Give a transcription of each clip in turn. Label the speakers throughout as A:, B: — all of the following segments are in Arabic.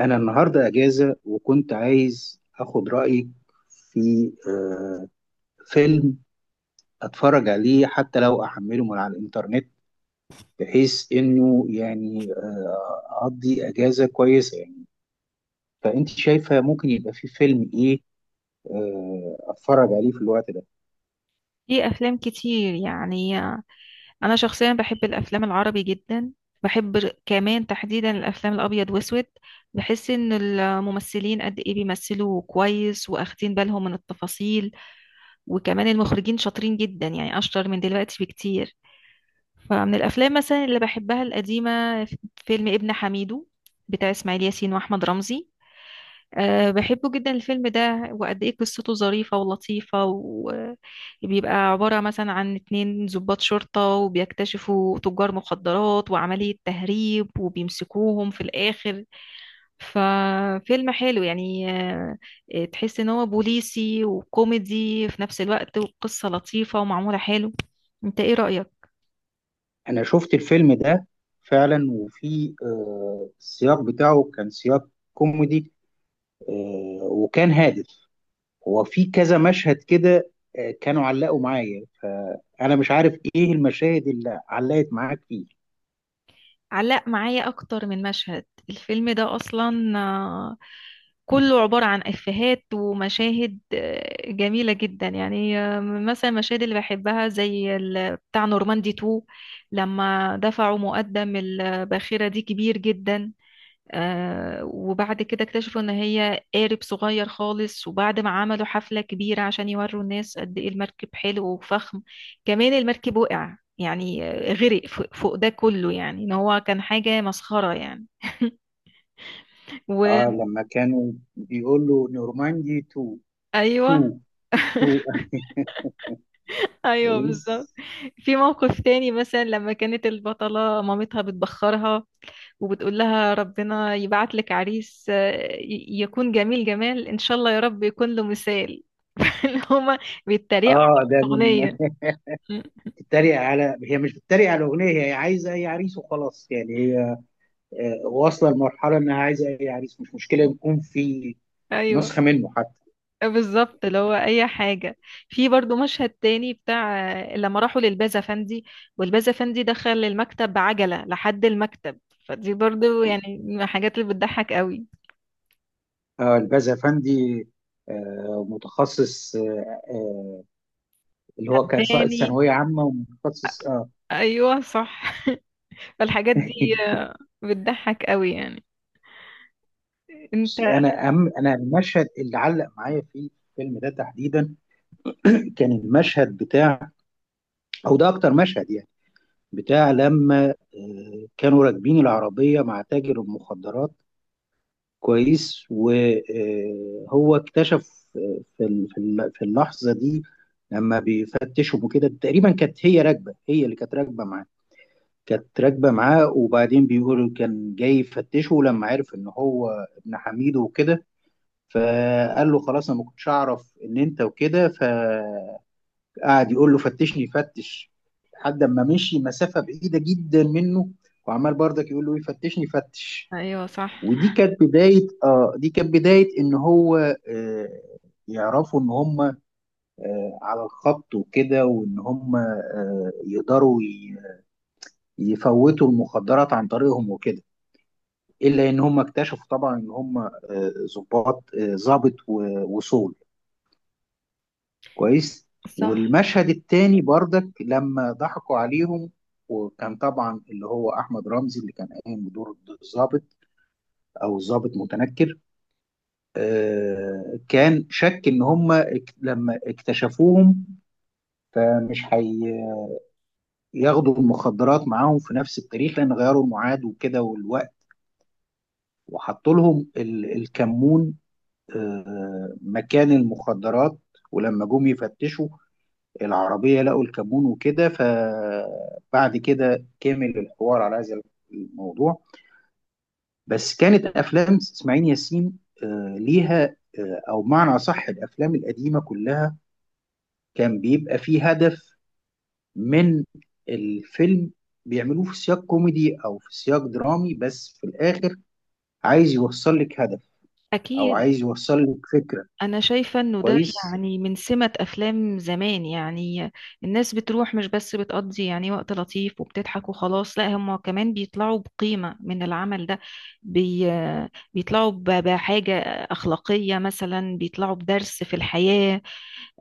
A: أنا النهاردة أجازة وكنت عايز أخد رأيك في فيلم أتفرج عليه حتى لو أحمله من على الإنترنت، بحيث إنه يعني أقضي أجازة كويسة يعني. فأنت شايفة ممكن يبقى في فيلم إيه أتفرج عليه في الوقت ده؟
B: في افلام كتير يعني انا شخصيا بحب الافلام العربي جدا. بحب كمان تحديدا الافلام الابيض واسود. بحس ان الممثلين قد ايه بيمثلوا كويس واخدين بالهم من التفاصيل، وكمان المخرجين شاطرين جدا يعني اشطر من دلوقتي بكتير. فمن الافلام مثلا اللي بحبها القديمة فيلم ابن حميدو بتاع اسماعيل ياسين واحمد رمزي. بحبه جدا الفيلم ده، وقد ايه قصته ظريفة ولطيفة، وبيبقى عبارة مثلا عن اتنين ضباط شرطة وبيكتشفوا تجار مخدرات وعملية تهريب وبيمسكوهم في الآخر. ففيلم حلو يعني تحس ان هو بوليسي وكوميدي في نفس الوقت، وقصة لطيفة ومعمولة حلو. انت ايه رأيك؟
A: أنا شفت الفيلم ده فعلا، وفي السياق بتاعه كان سياق كوميدي، وكان هادف. هو في كذا مشهد كده كانوا علقوا معايا، فأنا مش عارف إيه المشاهد اللي علقت معاك فيه.
B: علق معايا اكتر من مشهد. الفيلم ده اصلا كله عبارة عن افيهات ومشاهد جميلة جدا يعني. مثلا المشاهد اللي بحبها زي بتاع نورماندي 2، لما دفعوا مقدم الباخرة دي كبير جدا. وبعد كده اكتشفوا ان هي قارب صغير خالص، وبعد ما عملوا حفلة كبيرة عشان يوروا الناس قد ايه المركب حلو وفخم، كمان المركب وقع يعني غرق. فوق فوق ده كله يعني ان هو كان حاجة مسخرة يعني.
A: آه، لما كانوا بيقول له نورماندي 2،
B: وايوه،
A: 2، 2.
B: ايوه بالظبط.
A: كويس.
B: في موقف تاني مثلا لما كانت البطلة مامتها بتبخرها وبتقول لها ربنا يبعت لك عريس يكون جميل جمال ان شاء الله، يا رب يكون له مثال. اللي هما بيتريقوا
A: آه،
B: في
A: ده من
B: الاغنية. م.
A: بتتريق على هي مش بتتريق على الأغنية، هي عايزة أي عريس وخلاص، يعني هي واصلة لمرحلة إنها عايزة أي عريس، مش مشكلة يكون في
B: ايوه،
A: نسخة منه حتى.
B: بالظبط اللي هو اي حاجة. في برضو مشهد تاني بتاع لما راحوا للباز افندي، والباز افندي دخل المكتب بعجلة لحد المكتب، فدي برضو يعني من الحاجات اللي بتضحك قوي.
A: آه، الباز أفندي، متخصص، اللي هو كان ساقط
B: تباني.
A: ثانويه عامه ومتخصص اه
B: ايوه صح. فالحاجات دي آه، بتضحك قوي يعني. انت.
A: بس انا المشهد اللي علق معايا في الفيلم ده تحديدا كان المشهد بتاع، او ده اكتر مشهد يعني، بتاع لما كانوا راكبين العربيه مع تاجر المخدرات. كويس. وهو اكتشف في اللحظه دي، لما بيفتشهم وكده تقريبا، كانت هي راكبه، هي اللي كانت راكبه معاه، كانت راكبة معاه. وبعدين بيقول كان جاي يفتشه لما عرف ان هو ابن حميد وكده، فقال له خلاص انا ما كنتش اعرف ان انت وكده، فقعد يقول له فتشني فتش، لحد ما مشي مسافة بعيدة جدا منه، وعمال برضك يقول له إيه، فتشني فتش.
B: ايوه صح.
A: ودي كانت بداية، ان هو آه يعرفوا ان هم على الخط وكده، وان هم يقدروا يفوتوا المخدرات عن طريقهم وكده، الا ان هم اكتشفوا طبعا ان هم ضباط، ضابط وصول. كويس.
B: صح
A: والمشهد التاني بردك لما ضحكوا عليهم، وكان طبعا اللي هو احمد رمزي اللي كان قايم بدور الضابط، او الضابط متنكر، كان شك ان هم لما اكتشفوهم، فمش هياخدوا المخدرات معاهم في نفس التاريخ، لان غيروا الميعاد وكده والوقت، وحطوا لهم الكمون مكان المخدرات. ولما جم يفتشوا العربية لقوا الكمون وكده، فبعد كده كمل الحوار على هذا الموضوع. بس كانت أفلام إسماعيل ياسين ليها، أو معنى أصح الأفلام القديمة كلها، كان بيبقى فيه هدف من الفيلم. بيعملوه في سياق كوميدي أو في سياق درامي، بس في الآخر عايز يوصل لك هدف، أو
B: اكيد.
A: عايز يوصل لك فكرة.
B: انا شايفه انه ده
A: كويس.
B: يعني من سمة افلام زمان يعني، الناس بتروح مش بس بتقضي يعني وقت لطيف وبتضحك وخلاص، لا هم كمان بيطلعوا بقيمه من العمل ده. بي... بيطلعوا بحاجه اخلاقيه، مثلا بيطلعوا بدرس في الحياه.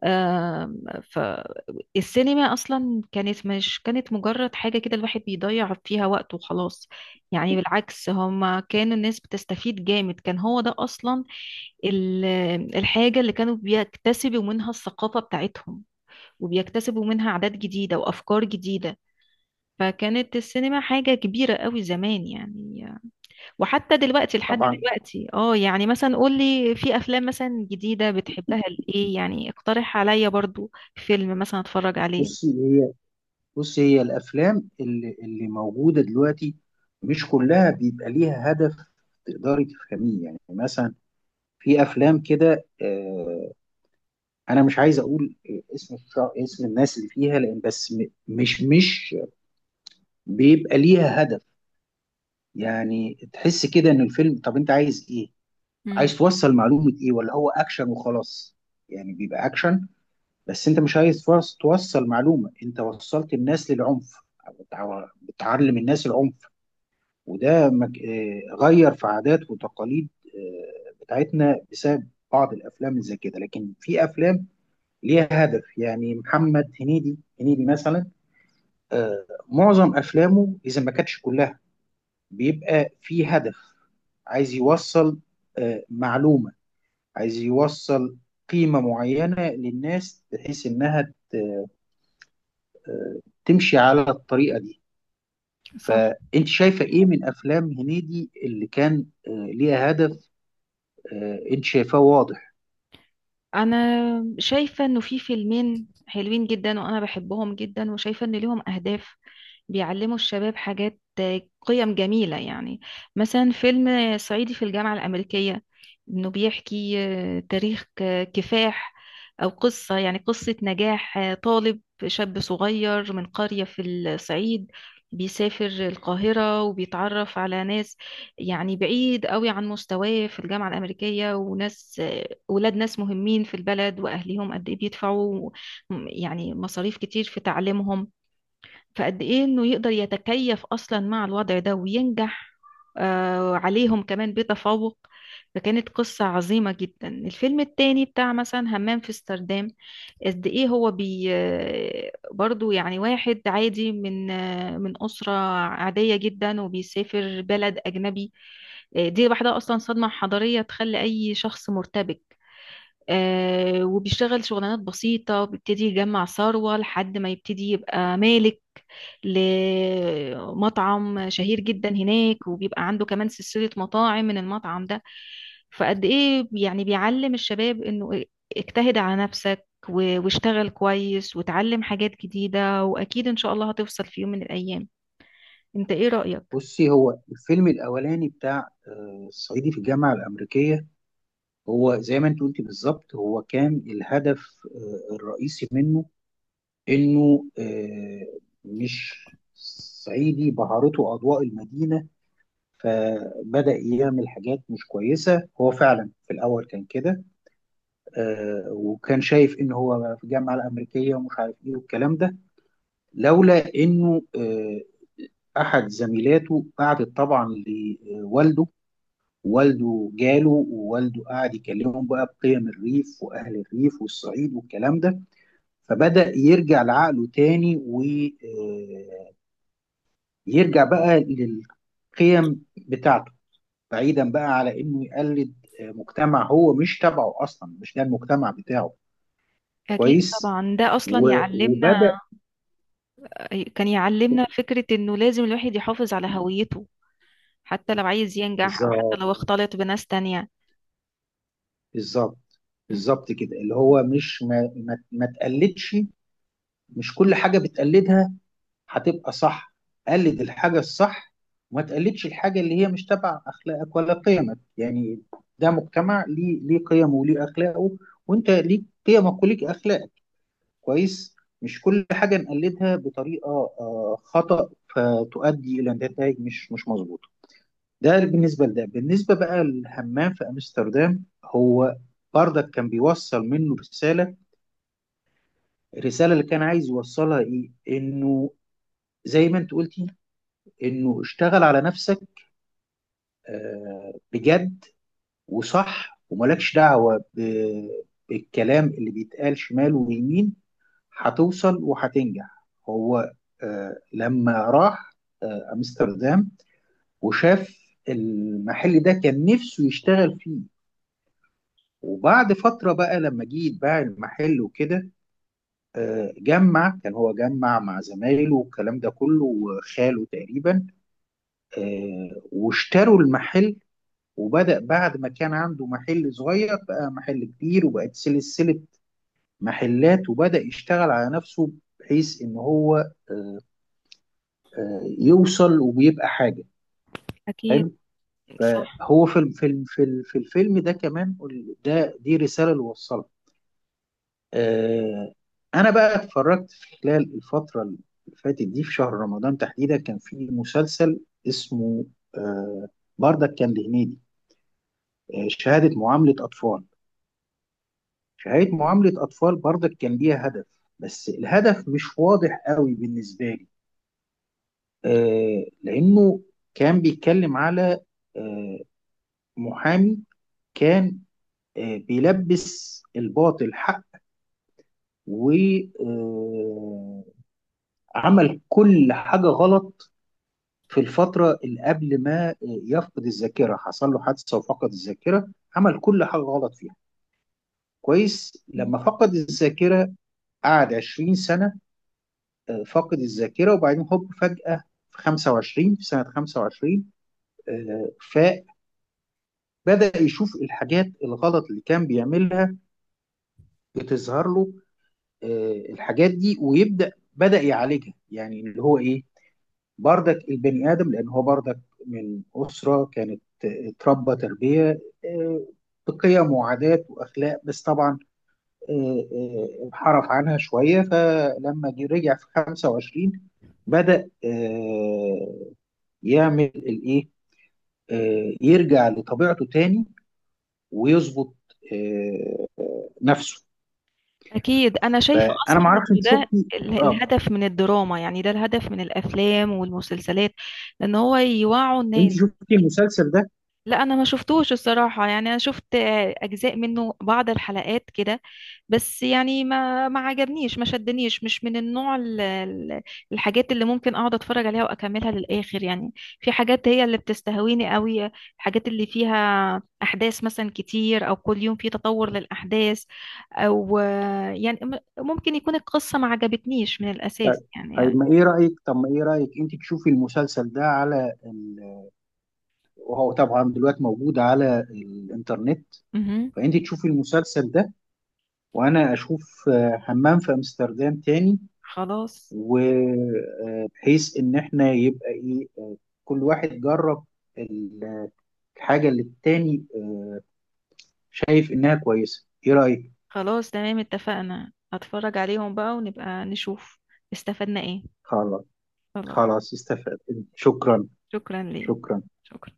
B: آم، فالسينما اصلا كانت مش كانت مجرد حاجه كده الواحد بيضيع فيها وقته وخلاص. يعني بالعكس هما كان الناس بتستفيد جامد، كان هو ده اصلا ال- الحاجه اللي كانوا بيكتسبوا منها الثقافه بتاعتهم، وبيكتسبوا منها عادات جديده وافكار جديده. فكانت السينما حاجه كبيره قوي زمان يعني. وحتى دلوقتي لحد
A: طبعا.
B: دلوقتي اه، يعني مثلا قولي في افلام مثلا جديدة بتحبها لايه، يعني اقترح عليا برضو فيلم مثلا اتفرج عليه.
A: بصي، هي الافلام اللي موجوده دلوقتي، مش كلها بيبقى ليها هدف تقدري تفهميه. يعني مثلا في افلام كده، انا مش عايز اقول اسم الناس اللي فيها، لان بس مش بيبقى ليها هدف. يعني تحس كده ان الفيلم، طب انت عايز ايه؟
B: مم.
A: عايز توصل معلومه ايه، ولا هو اكشن وخلاص؟ يعني بيبقى اكشن، بس انت مش عايز توصل معلومه، انت وصلت الناس للعنف، بتعلم الناس العنف. وده مك... آه، غير في عادات وتقاليد بتاعتنا بسبب بعض الافلام زي كده. لكن في افلام ليها هدف، يعني محمد هنيدي مثلا، معظم افلامه اذا ما كانتش كلها بيبقى في هدف. عايز يوصل معلومة، عايز يوصل قيمة معينة للناس، بحيث انها ت- آه، تمشي على الطريقة دي.
B: صح.
A: فانت شايفة ايه من افلام هنيدي اللي كان ليها هدف، انت شايفاه واضح؟
B: انا شايفة انه في فيلمين حلوين جدا وانا بحبهم جدا، وشايفة ان ليهم اهداف، بيعلموا الشباب حاجات، قيم جميلة يعني. مثلا فيلم صعيدي في الجامعة الأمريكية، إنه بيحكي تاريخ كفاح، أو قصة يعني قصة نجاح طالب شاب صغير من قرية في الصعيد، بيسافر القاهرة وبيتعرف على ناس يعني بعيد قوي عن مستواه في الجامعة الأمريكية، وناس ولاد ناس مهمين في البلد وأهليهم قد إيه بيدفعوا يعني مصاريف كتير في تعليمهم. فقد ايه انه يقدر يتكيف اصلا مع الوضع ده وينجح عليهم كمان بتفوق. فكانت قصة عظيمة جدا. الفيلم التاني بتاع مثلا همام في امستردام، قد ايه هو بي آه، برضو يعني واحد عادي من من أسرة عادية جدا، وبيسافر بلد أجنبي. دي لوحدها أصلا صدمة حضارية تخلي أي شخص مرتبك. وبيشتغل شغلانات بسيطة، وبيبتدي يجمع ثروة لحد ما يبتدي يبقى مالك لمطعم شهير جدا هناك، وبيبقى عنده كمان سلسلة مطاعم من المطعم ده. فقد ايه يعني بيعلم الشباب انه اجتهد على نفسك، واشتغل كويس وتعلم حاجات جديدة، واكيد ان شاء الله هتوصل في يوم من الايام. انت ايه رأيك؟
A: بصي، هو الفيلم الاولاني بتاع الصعيدي في الجامعه الامريكيه، هو زي ما انت قلتي بالظبط، هو كان الهدف الرئيسي منه، انه مش صعيدي بهرته اضواء المدينه فبدأ يعمل حاجات مش كويسة. هو فعلا في الأول كان كده، آه، وكان شايف إن هو في الجامعة الأمريكية ومش عارف إيه والكلام ده، لولا إنه أحد زميلاته قعدت طبعا لوالده، والده جاله، ووالده قعد يكلمهم بقى بقيم الريف وأهل الريف والصعيد والكلام ده، فبدأ يرجع لعقله تاني، ويرجع بقى للقيم بتاعته، بعيدا بقى على إنه يقلد مجتمع هو مش تبعه أصلا، مش ده المجتمع بتاعه.
B: اكيد
A: كويس
B: طبعا، ده اصلا
A: و-
B: يعلمنا.
A: وبدأ.
B: كان يعلمنا فكرة انه لازم الواحد يحافظ على هويته، حتى لو عايز ينجح او حتى
A: بالظبط.
B: لو اختلط بناس تانية.
A: بالظبط. بالظبط كده، اللي هو مش ما تقلدش. مش كل حاجة بتقلدها هتبقى صح، قلد الحاجة الصح، وما تقلدش الحاجة اللي هي مش تبع أخلاقك ولا قيمك يعني. ده مجتمع ليه قيمه وليه أخلاقه، وأنت ليك قيمك وليك أخلاقك. كويس. مش كل حاجة نقلدها بطريقة خطأ، فتؤدي إلى نتائج مش مظبوطة. ده بالنسبة لده، بالنسبة بقى للهمام في أمستردام، هو برضك كان بيوصل منه رسالة. الرسالة اللي كان عايز يوصلها إيه؟ إنه زي ما انت قلتي، انه اشتغل على نفسك بجد وصح، وملكش دعوة بالكلام اللي بيتقال شمال ويمين، هتوصل وهتنجح. هو لما راح امستردام وشاف المحل ده كان نفسه يشتغل فيه. وبعد فترة بقى لما جه يتباع المحل وكده، جمع، كان هو جمع مع زمايله والكلام ده كله وخاله تقريبا، واشتروا المحل. وبدأ بعد ما كان عنده محل صغير بقى محل كبير، وبقت سلسلة محلات، وبدأ يشتغل على نفسه، بحيث إن هو آه، يوصل، وبيبقى حاجة
B: أكيد.
A: حلو.
B: صح.
A: فهو في في الفيلم ده كمان، ده دي رسالة اللي وصلها. آه، أنا بقى اتفرجت في خلال الفترة اللي فاتت دي، في شهر رمضان تحديدا، كان في مسلسل اسمه آه، بردك كان لهنيدي، شهادة معاملة أطفال. شهادة معاملة أطفال برضك كان ليها هدف، بس الهدف مش واضح قوي بالنسبة لي، آه، لأنه كان بيتكلم على آه محامي، كان بيلبس الباطل حق، وعمل كل حاجة غلط في الفترة اللي قبل ما يفقد الذاكرة. حصل له حادثة وفقد الذاكرة، عمل كل حاجة غلط فيها. كويس. لما فقد الذاكرة قعد 20 سنة فاقد الذاكره، وبعدين هوب فجاه في 25، في سنه 25 آه، فبدا يشوف الحاجات الغلط اللي كان بيعملها بتظهر له الحاجات دي، ويبدا يعالجها. يعني اللي هو ايه، بردك البني ادم، لان هو بردك من اسره كانت اتربى تربيه آه، بقيم وعادات واخلاق، بس طبعا انحرف عنها شويه، فلما رجع في 25 بدأ يعمل الايه، يرجع لطبيعته تاني، ويظبط آه، نفسه.
B: أكيد. أنا شايفة
A: فانا ما
B: أصلا
A: اعرفش،
B: إن
A: انت
B: ده
A: شفتي اه
B: الهدف من الدراما، يعني ده الهدف من الأفلام والمسلسلات، إن هو يوعوا الناس.
A: المسلسل ده؟
B: لا، انا ما شفتوش الصراحه، يعني انا شفت اجزاء منه بعض الحلقات كده. بس يعني ما ما عجبنيش، ما شدنيش، مش من النوع الحاجات اللي ممكن اقعد اتفرج عليها واكملها للاخر يعني. في حاجات هي اللي بتستهويني قوي، الحاجات اللي فيها احداث مثلا كتير، او كل يوم في تطور للاحداث، او يعني ممكن يكون القصه ما عجبتنيش من
A: طيب.
B: الاساس يعني.
A: ما ايه رايك انت تشوفي المسلسل ده؟ وهو طبعا دلوقتي موجود على الانترنت.
B: مهم.
A: فانت تشوفي المسلسل ده، وانا اشوف همام في امستردام تاني،
B: خلاص.
A: وبحيث ان احنا يبقى ايه، كل واحد جرب ال- الحاجه اللي التاني شايف انها كويسه. ايه رايك؟
B: خلاص تمام اتفقنا، هتفرج عليهم بقى ونبقى نشوف استفدنا ايه.
A: خلاص.
B: خلاص.
A: خلاص استفدت. شكرا.
B: شكرا ليك.
A: شكرا.
B: شكرا.